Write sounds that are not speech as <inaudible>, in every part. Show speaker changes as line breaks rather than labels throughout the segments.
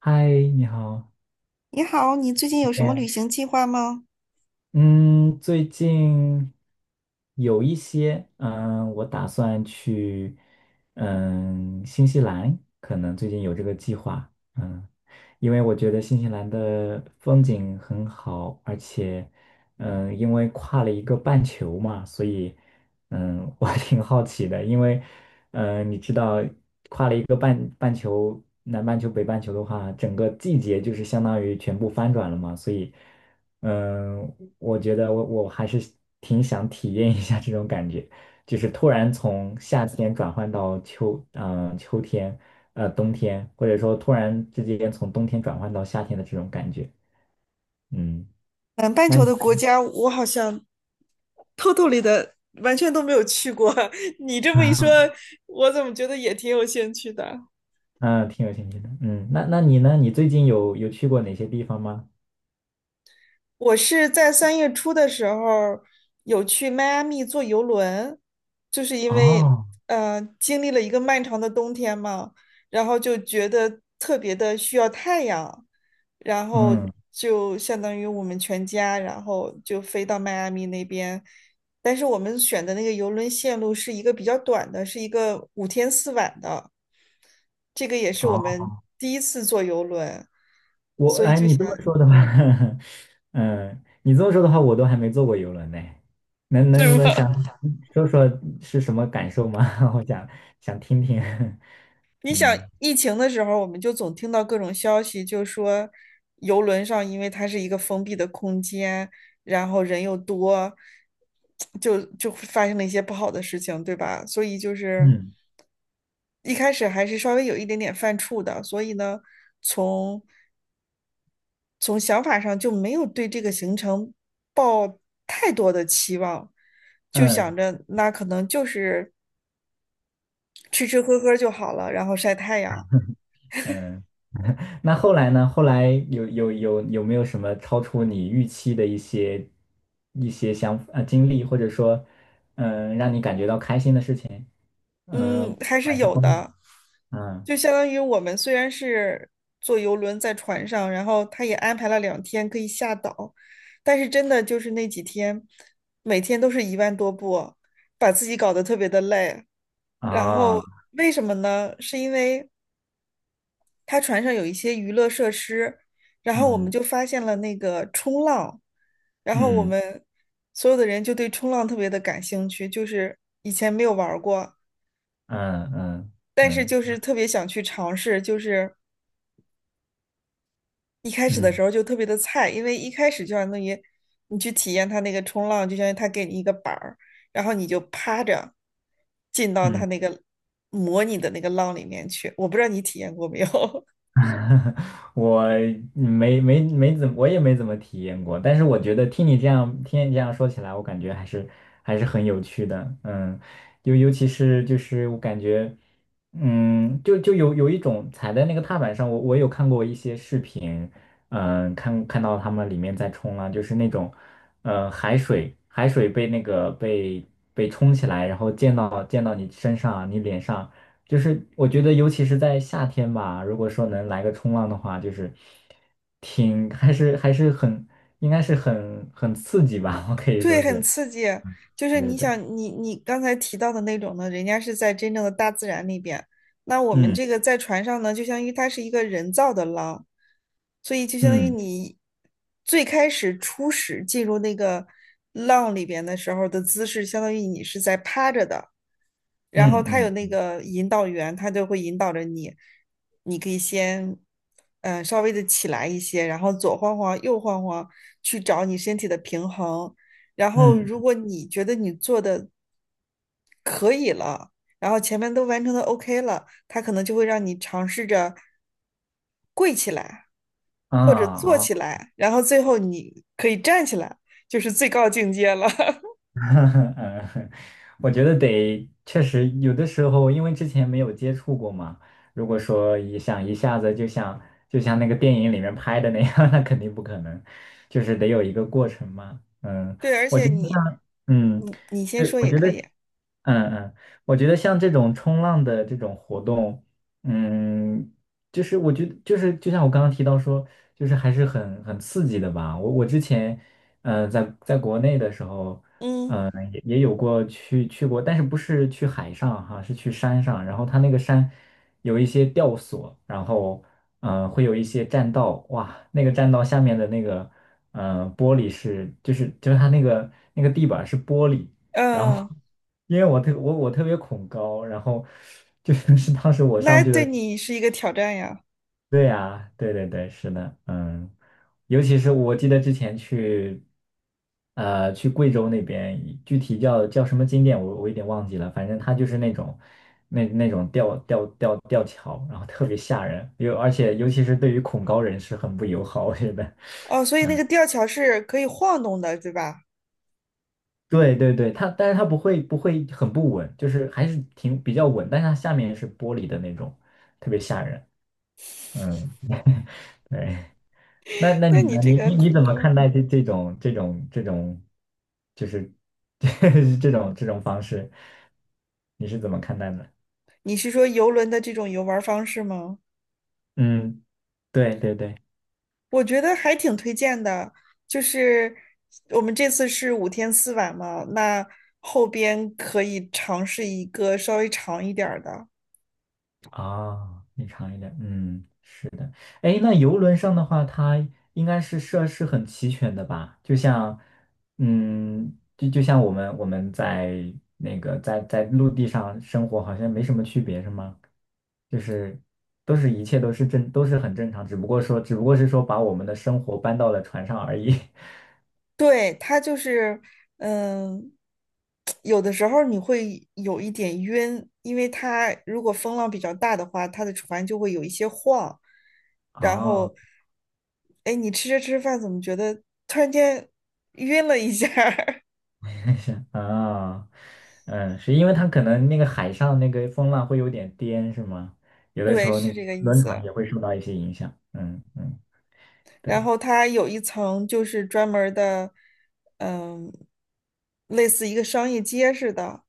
嗨，你好。
你好，你最近有什么旅
嗯
行计划吗？
嗯，最近有一些，我打算去，新西兰，可能最近有这个计划，嗯，因为我觉得新西兰的风景很好，而且，因为跨了一个半球嘛，所以，我 <laughs> 挺好奇的，因为，你知道。一个半球，南半球、北半球的话，整个季节就是相当于全部翻转了嘛，所以，嗯，我觉得我还是挺想体验一下这种感觉，就是突然从夏天转换到秋，嗯、秋天，呃，冬天，或者说突然之间从冬天转换到夏天的这种感觉，嗯，
南半
那
球
你，
的国家，我好像偷偷里的完全都没有去过。<laughs> 你这么一说，
<laughs>
我怎么觉得也挺有兴趣的？
嗯，挺有兴趣的，那你呢？你最近有去过哪些地方吗？
我是在3月初的时候有去迈阿密坐游轮，就是因为
哦，
经历了一个漫长的冬天嘛，然后就觉得特别的需要太阳，然后
嗯，
就相当于我们全家，然后就飞到迈阿密那边。但是我们选的那个游轮线路是一个比较短的，是一个五天四晚的，这个也是我
哦，
们第一次坐游轮，
我
所以
哎，
就
你这么
想 <laughs>。
说的话，<laughs> 嗯，你这么说的话，我都还没坐过游轮呢。能能
对吗？
能想说说是什么感受吗？<laughs> 我想想听听。<laughs>
你想
嗯
疫情的时候，我们就总听到各种消息，就说游轮上因为它是一个封闭的空间，然后人又多，就发生了一些不好的事情，对吧？所以就是
嗯
一开始还是稍微有一点点犯怵的，所以呢，从从想法上就没有对这个行程抱太多的期望，就想
嗯
着那可能就是吃吃喝喝就好了，然后晒太阳。
嗯。那后来呢？后来有没有什么超出你预期的一些一些经历，或者说让你感觉到开心的事情？嗯，
嗯，
不
还是
管是
有
风，
的。
嗯
就相当于我们虽然是坐游轮在船上，然后他也安排了2天可以下岛，但是真的就是那几天，每天都是1万多步，把自己搞得特别的累。然
啊，
后为什么呢？是因为他船上有一些娱乐设施，然后我们
嗯
就发现了那个冲浪，然后我
嗯。
们所有的人就对冲浪特别的感兴趣，就是以前没有玩儿过，
嗯
但是
嗯
就
嗯
是特别想去尝试，就是一开始的
嗯
时候就特别的菜，因为一开始就相当于你去体验它那个冲浪，就相当于它给你一个板儿，然后你就趴着进到它
嗯，
那个模拟的那个浪里面去。我不知道你体验过没有？<laughs>
<laughs> 我没没没怎么我也没怎么体验过，但是我觉得听你这样说起来，我感觉还是很有趣的，尤其是就是我感觉，就有一种踩在那个踏板上，我有看过一些视频，看到他们里面在冲浪，就是那种，海水被那个被被冲起来，然后溅到你身上啊，你脸上。就是我觉得，尤其是在夏天吧，如果说能来个冲浪的话，就是挺还是还是很应该是很刺激吧，<laughs> 我可以说
对，很
是，
刺激。就是
对
你
对，
想，你刚才提到的那种呢，人家是在真正的大自然里边，那我们
嗯
这个在船上呢，就相当于它是一个人造的浪，所以就相当于
嗯
你最开始初始进入那个浪里边的时候的姿势，相当于你是在趴着的，然后
嗯
他有那
嗯
个引导员，他就会引导着你，你可以先。嗯，稍微的起来一些，然后左晃晃，右晃晃，去找你身体的平衡。然后
嗯
如果你觉得你做的，然后前面都完成的 OK 了，他可能就会让你尝试着跪起来
啊
或者坐
啊，
起来，然后最后你可以站起来，就是最高境界了。<laughs>
<laughs> 嗯，我觉得确实有的时候，因为之前没有接触过嘛，如果说一下子就像那个电影里面拍的那样，<laughs> 那肯定不可能，就是得有一个过程嘛，
对，而
我
且
觉得
你，
像嗯。
你先
对，
说
我
也
觉得，
可以。
嗯嗯，我觉得像这种冲浪的这种活动，嗯，就是我觉得就是就像我刚刚提到说，就是还是很刺激的吧。我之前，在国内的时候，
嗯
也有过去过，但是不是去海上哈，是去山上。然后它那个山有一些吊索，然后会有一些栈道，哇，那个栈道下面的那个玻璃是就是它那个那个地板是玻璃，然后
嗯，
<laughs> 因为我特别恐高，然后 <laughs> 就是当时我
那
上去
对
的。
你是一个挑战呀。
对呀，对对对，是的，尤其是我记得之前去，去贵州那边，具体叫什么景点我有点忘记了，反正它就是那种，那种吊桥，然后特别吓人，而且尤其是对于恐高人士很不友好，我觉得。
哦，所以那个吊桥是可以晃动的，对吧？
对对对，它但是它不会很不稳，就是还是挺比较稳，但是它下面是玻璃的那种，特别吓人。嗯，对。那
<laughs>
那你
那你
呢？
这
你
个
你你
恐
怎么
高，
看待这种，就是 <laughs> 这种方式？你是怎么看待的？
你是说游轮的这种游玩方式吗？
嗯，对对对。
我觉得还挺推荐的，就是我们这次是五天四晚嘛，那后边可以尝试一个稍微长一点儿的。
啊，你长一点，嗯，是的。哎，那游轮上的话，它应该是设施很齐全的吧？就像，就像我们在那个在陆地上生活，好像没什么区别，是吗？就是都是一切都是正都是很正常，只不过是说把我们的生活搬到了船上而已。<laughs>
对，它就是，嗯，有的时候你会有一点晕，因为它如果风浪比较大的话，它的船就会有一些晃。然
哦
后，哎，你吃着吃着饭，怎么觉得突然间晕了一下儿
<laughs> 啊，嗯，是因为它可能那个海上那个风浪会有点颠，是吗？
<laughs>
有的时
对，
候
是
那个
这个意
轮船
思。
也会受到一些影响。嗯嗯，
然
对，
后它有一层就是专门儿的，嗯，类似一个商业街似的，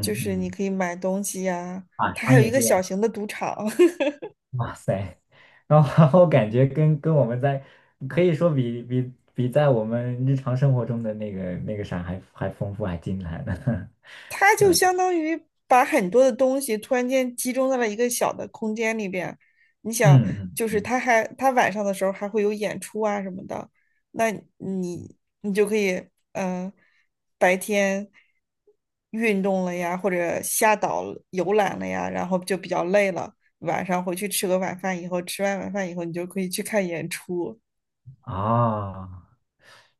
就是你
嗯，
可以买东西呀、
啊，
它还
商
有
业
一个
街
小
啊
型的赌场。<laughs>
哇塞，然后 <laughs> 然后感觉跟我们在可以说比在我们日常生活中的那个那个啥还丰富还精彩呢。<laughs>
他就相当于把很多的东西突然间集中在了一个小的空间里边。你
嗯
想，
嗯
就是
嗯，
他还他晚上的时候还会有演出啊什么的，那你就可以嗯、呃白天运动了呀，或者下岛游览了呀，然后就比较累了，晚上回去吃个晚饭以后，吃完晚饭以后你就可以去看演出。
啊，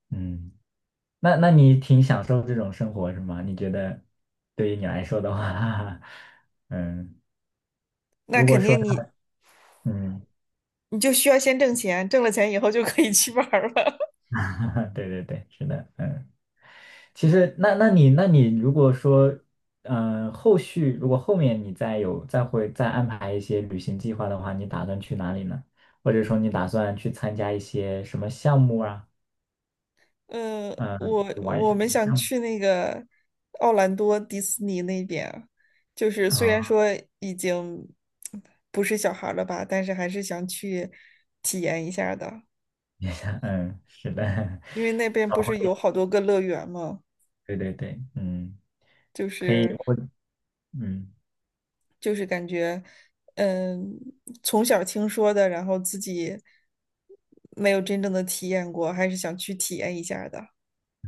嗯。那那你挺享受这种生活是吗？你觉得对于你来说的话，<laughs> 嗯，
那
如果
肯
说
定你
嗯，
就需要先挣钱，挣了钱以后就可以去玩儿了。
<laughs> 对对对，是的，其实那你如果说后续如果后面你再有再安排一些旅行计划的话，你打算去哪里呢？或者说你打算去参加一些什么项目啊？嗯，
我
玩一
我
些什
们
么
想
项目
去那个奥兰多迪士尼那边啊就是虽然
啊？
说已经不是小孩儿了吧，但是还是想去体验一下的，
<laughs> 嗯，是的，
因为那边
<laughs>
不是有好多个乐园嘛，
对对对，嗯
就是
嗯。<laughs>
就是感觉，嗯，从小听说的，然后自己没有真正的体验过，还是想去体验一下的。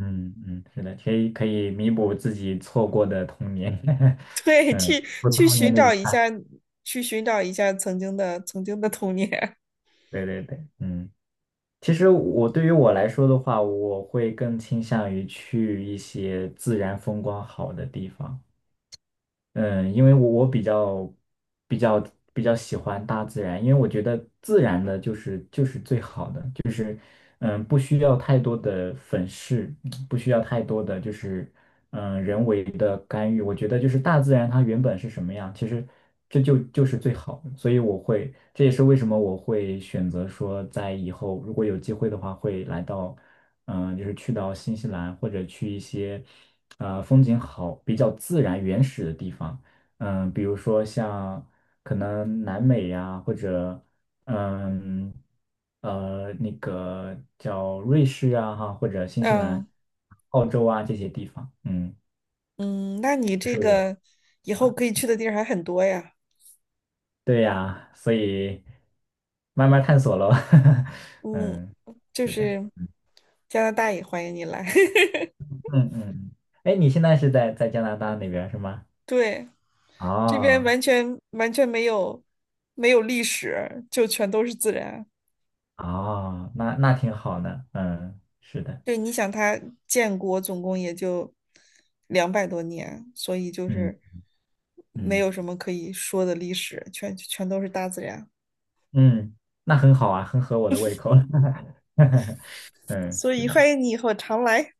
嗯嗯，是的，可以可以弥补自己错过的童年，<laughs>
<laughs> 对，
嗯，
去
不
去
童年
寻
的
找
遗
一下，
憾。
去寻找一下曾经的童年。
对对对，其实对于我来说的话，我会更倾向于去一些自然风光好的地方，嗯，因为我比较比较喜欢大自然，因为我觉得自然的就是最好的。嗯，不需要太多的粉饰，不需要太多的人为的干预。我觉得就是大自然它原本是什么样，其实这就是最好的。所以我会，这也是为什么我会选择说在以后如果有机会的话，会来到就是去到新西兰或者去一些风景好、比较自然原始的地方。嗯，比如说像可能南美呀、或者嗯，那个叫瑞士啊，哈，或者新西兰、
嗯
澳洲啊这些地方，
嗯，那你
这
这
是我。
个以后可以去的地儿还很多呀。
对呀，所以慢慢探索喽，<laughs>
嗯，
嗯，
就
是的，
是加拿大也欢迎你来。<laughs>
嗯嗯，哎，你现在是在加拿大那边是吗？
对，这边
哦
完全没有历史，就全都是自然。
哦，那那挺好的，嗯，是的，
对，你想它建国总共也就200多年，所以就
嗯
是没
嗯
有什么可以说的历史，全都是大自然。
嗯，那很好啊，很合我的胃口，<laughs> 嗯，
所
是
以
的。
欢迎你以后常来。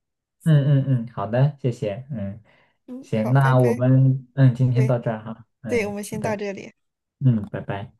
嗯嗯嗯，好的，谢谢，嗯，
嗯，
行，
好，拜
那我
拜。
们今天
对
到这儿哈，
对，我
嗯，
们
好
先到
的，
这里。
嗯，拜拜。